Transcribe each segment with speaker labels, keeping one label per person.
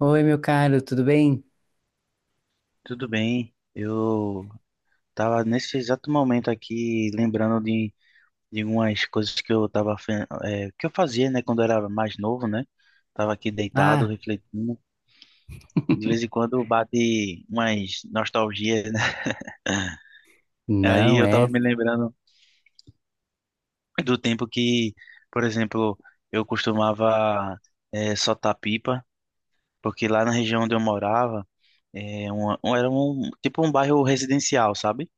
Speaker 1: Oi, meu caro, tudo bem?
Speaker 2: Tudo bem, eu tava nesse exato momento aqui lembrando de umas coisas que eu que eu fazia, né, quando eu era mais novo, né? Tava aqui deitado,
Speaker 1: Ah,
Speaker 2: refletindo. De vez em quando bate umas nostalgias, né? Aí
Speaker 1: não
Speaker 2: eu tava
Speaker 1: é.
Speaker 2: me lembrando do tempo que, por exemplo, eu costumava soltar pipa, porque lá na região onde eu morava, era um tipo um bairro residencial, sabe?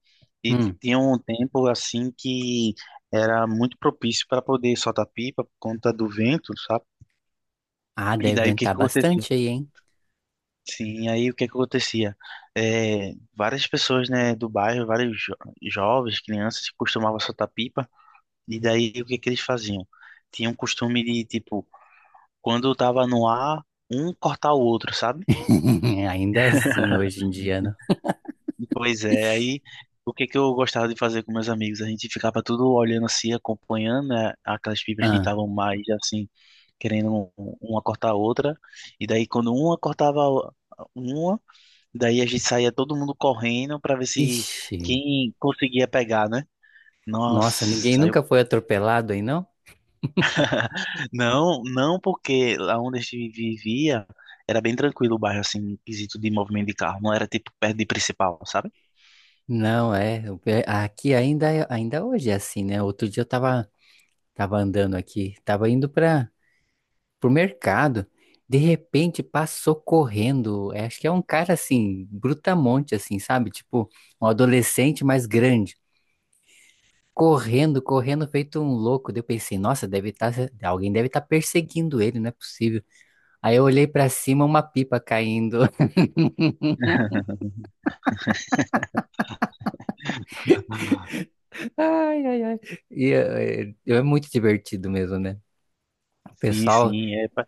Speaker 2: E
Speaker 1: Hum.
Speaker 2: tinha um tempo assim que era muito propício para poder soltar pipa por conta do vento, sabe?
Speaker 1: Ah,
Speaker 2: E
Speaker 1: deve
Speaker 2: daí o que
Speaker 1: ventar
Speaker 2: que acontecia?
Speaker 1: bastante aí, hein?
Speaker 2: Sim, aí o que que acontecia? É, várias pessoas, né, do bairro, jovens, crianças, costumavam soltar pipa. E daí o que que eles faziam? Tinha um costume de, tipo, quando tava no ar, um cortar o outro, sabe?
Speaker 1: Ainda assim, hoje em dia, não.
Speaker 2: Pois é, aí o que que eu gostava de fazer com meus amigos? A gente ficava tudo olhando assim, acompanhando, né, aquelas pipas que
Speaker 1: Ah,
Speaker 2: estavam mais assim, querendo uma cortar a outra. E daí quando uma cortava uma, daí a gente saía todo mundo correndo para ver se
Speaker 1: ixi,
Speaker 2: quem conseguia pegar, né?
Speaker 1: nossa, ninguém
Speaker 2: Nossa,
Speaker 1: nunca foi atropelado aí, não?
Speaker 2: não, não porque lá onde a gente vivia era bem tranquilo o bairro, assim, em quesito de movimento de carro. Não era tipo perto de principal, sabe?
Speaker 1: Não, é. Aqui ainda, ainda hoje é assim, né? Outro dia eu tava, tava andando aqui, tava indo para pro mercado. De repente passou correndo. Acho que é um cara assim, brutamonte, assim, sabe? Tipo, um adolescente mais grande, correndo, correndo, feito um louco. Daí eu pensei, nossa, deve estar, alguém deve estar perseguindo ele, não é possível. Aí eu olhei pra cima, uma pipa caindo. Ai, ai, ai. E é muito divertido mesmo, né? O
Speaker 2: Sim,
Speaker 1: pessoal,
Speaker 2: sim, é.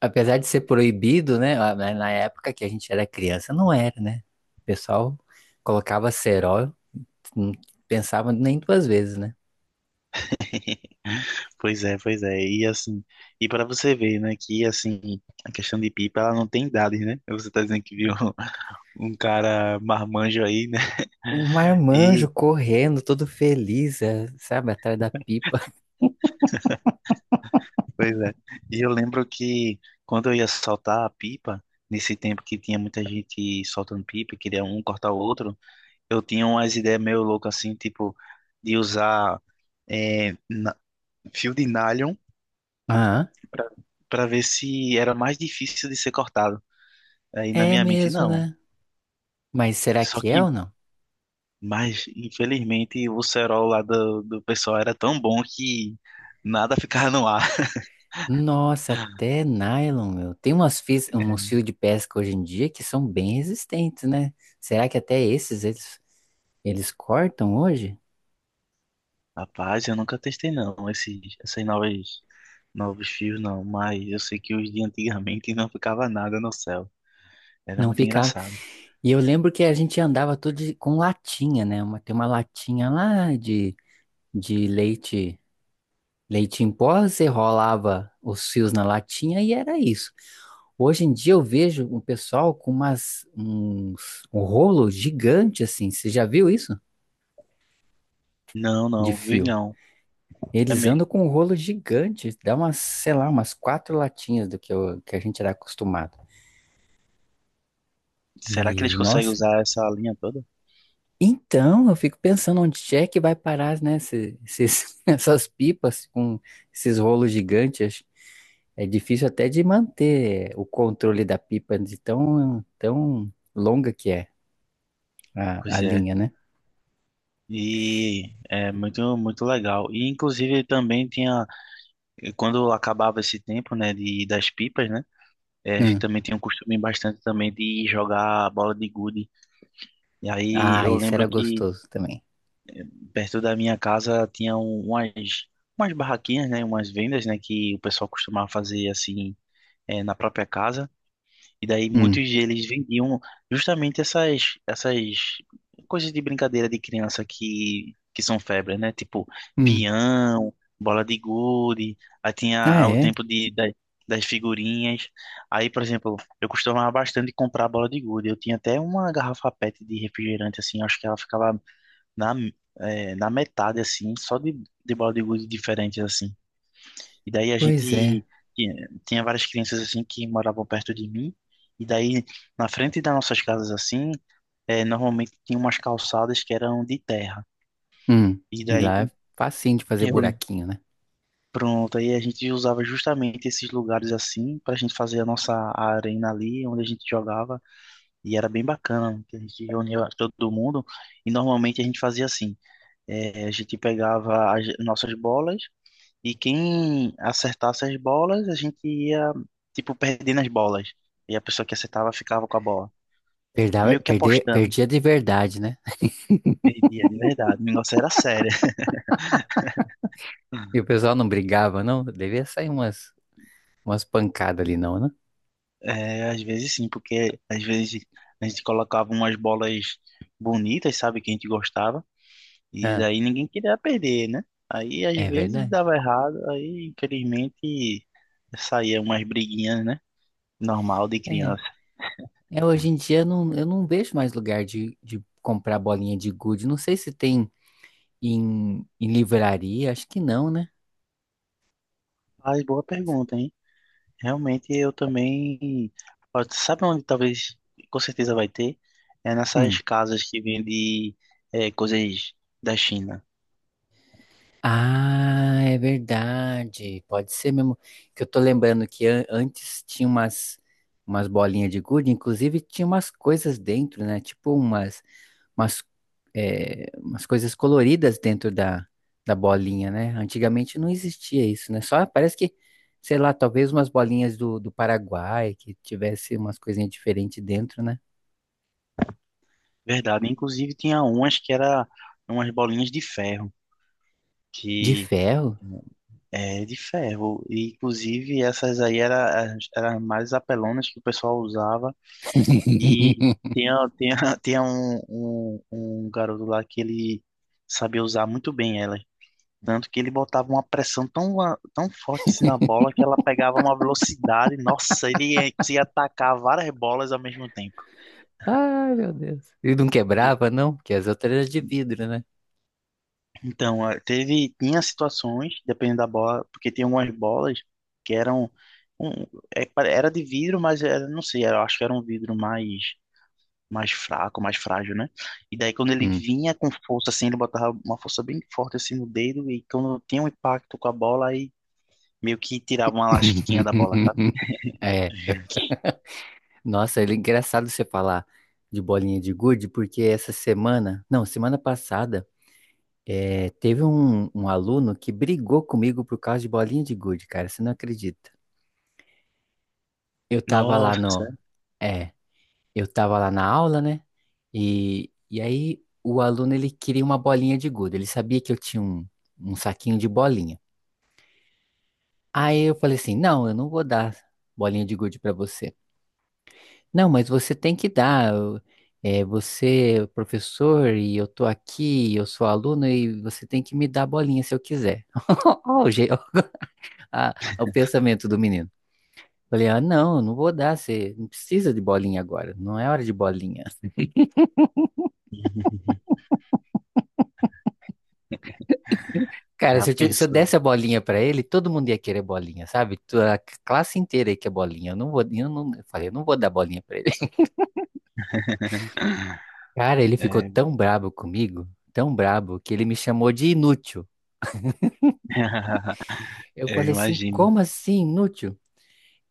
Speaker 1: apesar de ser proibido, né? Na época que a gente era criança, não era, né? O pessoal colocava cerol, não pensava nem duas vezes, né?
Speaker 2: Pois é, pois é. E assim, e para você ver, né, que assim, a questão de pipa, ela não tem idade, né? Você tá dizendo que viu um cara marmanjo aí, né?
Speaker 1: Um marmanjo
Speaker 2: E
Speaker 1: correndo, todo feliz, sabe, atrás da pipa.
Speaker 2: pois é. E eu lembro que quando eu ia soltar a pipa, nesse tempo que tinha muita gente soltando pipa, e queria um cortar o outro, eu tinha umas ideias meio loucas assim, tipo, de usar eh, na- fio de nylon
Speaker 1: Aham.
Speaker 2: para para ver se era mais difícil de ser cortado. Aí na
Speaker 1: É
Speaker 2: minha mente,
Speaker 1: mesmo,
Speaker 2: não.
Speaker 1: né? Mas será
Speaker 2: Só
Speaker 1: que é
Speaker 2: que,
Speaker 1: ou não?
Speaker 2: mas infelizmente o cerol lá do pessoal era tão bom que nada ficava no ar.
Speaker 1: Nossa, até nylon, meu. Tem umas fios, uns fios de pesca hoje em dia que são bem resistentes, né? Será que até eles cortam hoje?
Speaker 2: Rapaz, eu nunca testei não, esses, essas novas novos fios não, mas eu sei que os de antigamente não ficava nada no céu. Era
Speaker 1: Não
Speaker 2: muito
Speaker 1: ficava.
Speaker 2: engraçado.
Speaker 1: E eu lembro que a gente andava tudo com latinha, né? Uma, tem uma latinha lá de leite, leite em pó, você rolava os fios na latinha e era isso. Hoje em dia eu vejo um pessoal com um rolo gigante assim. Você já viu isso?
Speaker 2: Não,
Speaker 1: De
Speaker 2: não, vi
Speaker 1: fio.
Speaker 2: não. É
Speaker 1: Eles
Speaker 2: mesmo.
Speaker 1: andam com um rolo gigante, dá umas, sei lá, umas quatro latinhas do que a gente era acostumado.
Speaker 2: Será que eles
Speaker 1: E,
Speaker 2: conseguem
Speaker 1: nossa,
Speaker 2: usar essa linha toda?
Speaker 1: então eu fico pensando onde é que vai parar, né, essas pipas com esses rolos gigantes. Acho- É difícil até de manter o controle da pipa de tão longa que é a
Speaker 2: Pois é.
Speaker 1: linha, né?
Speaker 2: E é muito, muito legal. E inclusive também tinha, quando acabava esse tempo, né, de, das pipas, né? A gente
Speaker 1: Hum.
Speaker 2: também tinha um costume bastante também de jogar bola de gude. E aí
Speaker 1: Ah,
Speaker 2: eu
Speaker 1: isso era
Speaker 2: lembro que
Speaker 1: gostoso também.
Speaker 2: eh, perto da minha casa tinha umas barraquinhas, né, umas vendas, né, que o pessoal costumava fazer assim na própria casa. E daí
Speaker 1: Hum.
Speaker 2: muitos deles vendiam justamente essas coisas de brincadeira de criança que são febre, né? Tipo
Speaker 1: Hum.
Speaker 2: pião, bola de gude, aí tinha
Speaker 1: Ah,
Speaker 2: ah, o
Speaker 1: é?
Speaker 2: tempo de das figurinhas. Aí, por exemplo, eu costumava bastante comprar bola de gude. Eu tinha até uma garrafa PET de refrigerante, assim, acho que ela ficava na, na metade, assim, só de bola de gude diferentes, assim. E daí a
Speaker 1: Pois é.
Speaker 2: gente tinha várias crianças assim que moravam perto de mim. E daí na frente das nossas casas assim, normalmente tinha umas calçadas que eram de terra.
Speaker 1: Hum.
Speaker 2: E
Speaker 1: E
Speaker 2: daí
Speaker 1: lá é facinho de fazer
Speaker 2: eu lembro.
Speaker 1: buraquinho, né?
Speaker 2: Pronto, aí a gente usava justamente esses lugares assim para a gente fazer a nossa arena ali, onde a gente jogava, e era bem bacana, que a gente reunia todo mundo, e normalmente a gente fazia assim, a gente pegava as nossas bolas. E quem acertasse as bolas, a gente ia, tipo, perdendo as bolas. E a pessoa que acertava ficava com a bola. É meio que apostando.
Speaker 1: Perdia de verdade, né?
Speaker 2: Perdia, de verdade. O negócio era sério.
Speaker 1: E o pessoal não brigava, não? Devia sair umas, umas pancadas ali, não, né?
Speaker 2: É, às vezes sim, porque às vezes a gente colocava umas bolas bonitas, sabe, que a gente gostava, e
Speaker 1: Ah,
Speaker 2: daí ninguém queria perder, né? Aí às
Speaker 1: é
Speaker 2: vezes
Speaker 1: verdade.
Speaker 2: dava errado, aí infelizmente saía umas briguinhas, né? Normal de
Speaker 1: É.
Speaker 2: criança.
Speaker 1: É, hoje em dia eu não vejo mais lugar de comprar bolinha de gude. Não sei se tem em, em livraria, acho que não, né?
Speaker 2: Mas boa pergunta, hein? Realmente eu também. Ó, sabe onde talvez, com certeza vai ter? É nessas
Speaker 1: Hum.
Speaker 2: casas que vendem é, coisas da China.
Speaker 1: Ah, é verdade. Pode ser mesmo. Que eu tô lembrando que antes tinha umas, umas bolinhas de gude, inclusive tinha umas coisas dentro, né? Tipo umas, umas, umas coisas coloridas dentro da, da bolinha, né? Antigamente não existia isso, né? Só parece que, sei lá, talvez umas bolinhas do, do Paraguai que tivesse umas coisinhas diferentes dentro, né?
Speaker 2: Verdade. Inclusive tinha umas que era umas bolinhas de ferro.
Speaker 1: De
Speaker 2: Que
Speaker 1: ferro?
Speaker 2: é de ferro. E, inclusive essas aí eram as mais apelonas que o pessoal usava. E tinha, tinha, tinha um garoto lá que ele sabia usar muito bem elas. Tanto que ele botava uma pressão tão, tão forte assim na bola que ela pegava uma velocidade. Nossa, ele conseguia atacar várias bolas ao mesmo tempo.
Speaker 1: Ai, meu Deus. E não quebrava, não? Porque as outras eram de vidro, né?
Speaker 2: Então, tinha situações, dependendo da bola, porque tinha algumas bolas que eram, um, era de vidro, mas era, não sei, era, acho que era um vidro mais, mais fraco, mais frágil, né? E daí quando ele
Speaker 1: Hum.
Speaker 2: vinha com força assim, ele botava uma força bem forte assim no dedo e quando tinha um impacto com a bola, aí meio que tirava uma lasquinha da bola, sabe?
Speaker 1: É. Nossa, é engraçado você falar de bolinha de gude, porque essa semana, não, semana passada, teve um, um aluno que brigou comigo por causa de bolinha de gude, cara, você não acredita. Eu tava lá
Speaker 2: Nossa,
Speaker 1: no, é, eu tava lá na aula, né? E aí o aluno, ele queria uma bolinha de gude, ele sabia que eu tinha um, um saquinho de bolinha. Aí eu falei assim, não, eu não vou dar bolinha de gude pra você. Não, mas você tem que dar. É, você é o professor e eu tô aqui, eu sou aluno e você tem que me dar bolinha se eu quiser. Ó, o pensamento do menino. Falei, ah, não, eu não vou dar, você não precisa de bolinha agora, não é hora de bolinha. Cara,
Speaker 2: já
Speaker 1: se eu
Speaker 2: pensou?
Speaker 1: desse a bolinha pra ele, todo mundo ia querer bolinha, sabe? Classe inteira ia querer bolinha. Eu falei, eu não vou dar bolinha pra ele. Cara, ele ficou
Speaker 2: É,
Speaker 1: tão brabo comigo, tão brabo, que ele me chamou de inútil. Eu
Speaker 2: eu
Speaker 1: falei assim,
Speaker 2: imagino.
Speaker 1: como assim, inútil?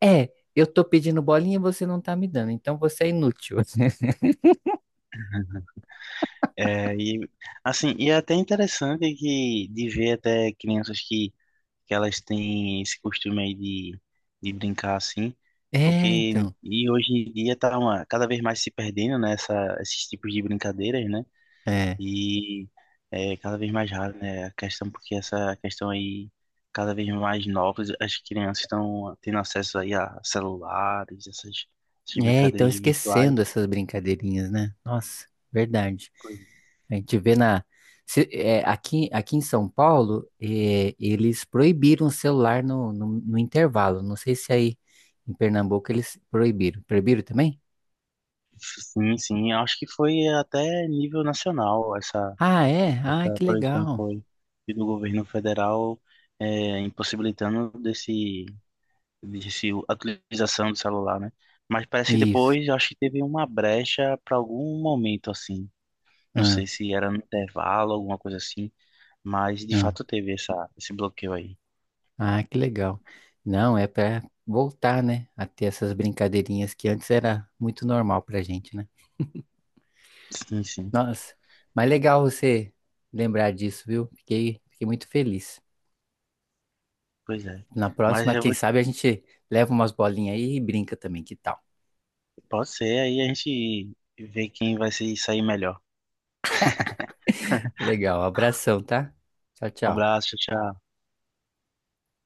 Speaker 1: É, eu tô pedindo bolinha e você não tá me dando, então você é inútil.
Speaker 2: É, e, assim, e é até interessante que, de ver até crianças que elas têm esse costume aí de brincar assim,
Speaker 1: É,
Speaker 2: porque
Speaker 1: então.
Speaker 2: e hoje em dia tá uma, cada vez mais se perdendo, né, esses tipos de brincadeiras, né?
Speaker 1: É.
Speaker 2: E é cada vez mais raro, né? A questão, porque essa questão aí, cada vez mais novas, as crianças estão tendo acesso aí a celulares, essas
Speaker 1: É, então
Speaker 2: brincadeiras virtuais.
Speaker 1: esquecendo essas brincadeirinhas, né? Nossa, verdade.
Speaker 2: Pois,
Speaker 1: A gente vê na. Aqui, aqui em São Paulo, eles proibiram o celular no intervalo. Não sei se aí em Pernambuco eles proibiram. Proibiram também?
Speaker 2: sim, sim, acho que foi até nível nacional essa,
Speaker 1: Ah, é? Ah,
Speaker 2: essa
Speaker 1: que
Speaker 2: proibição
Speaker 1: legal.
Speaker 2: foi do governo federal é, impossibilitando desse a utilização do celular, né? Mas parece que
Speaker 1: Isso.
Speaker 2: depois, acho que teve uma brecha para algum momento, assim, não
Speaker 1: Ah,
Speaker 2: sei se era no intervalo, alguma coisa assim, mas de
Speaker 1: ah.
Speaker 2: fato teve essa, esse bloqueio aí.
Speaker 1: Ah, que legal. Não, é para voltar, né, a ter essas brincadeirinhas que antes era muito normal pra gente, né?
Speaker 2: Sim, sim,
Speaker 1: Nossa, mas legal você lembrar disso, viu? Fiquei, fiquei muito feliz.
Speaker 2: pois é.
Speaker 1: Na
Speaker 2: Mas
Speaker 1: próxima,
Speaker 2: eu
Speaker 1: quem
Speaker 2: vou,
Speaker 1: sabe a gente leva umas bolinhas aí e brinca também, que tal?
Speaker 2: pode ser, aí a gente vê quem vai se sair melhor.
Speaker 1: Legal, abração, tá? Tchau,
Speaker 2: Um
Speaker 1: tchau.
Speaker 2: abraço, tchau.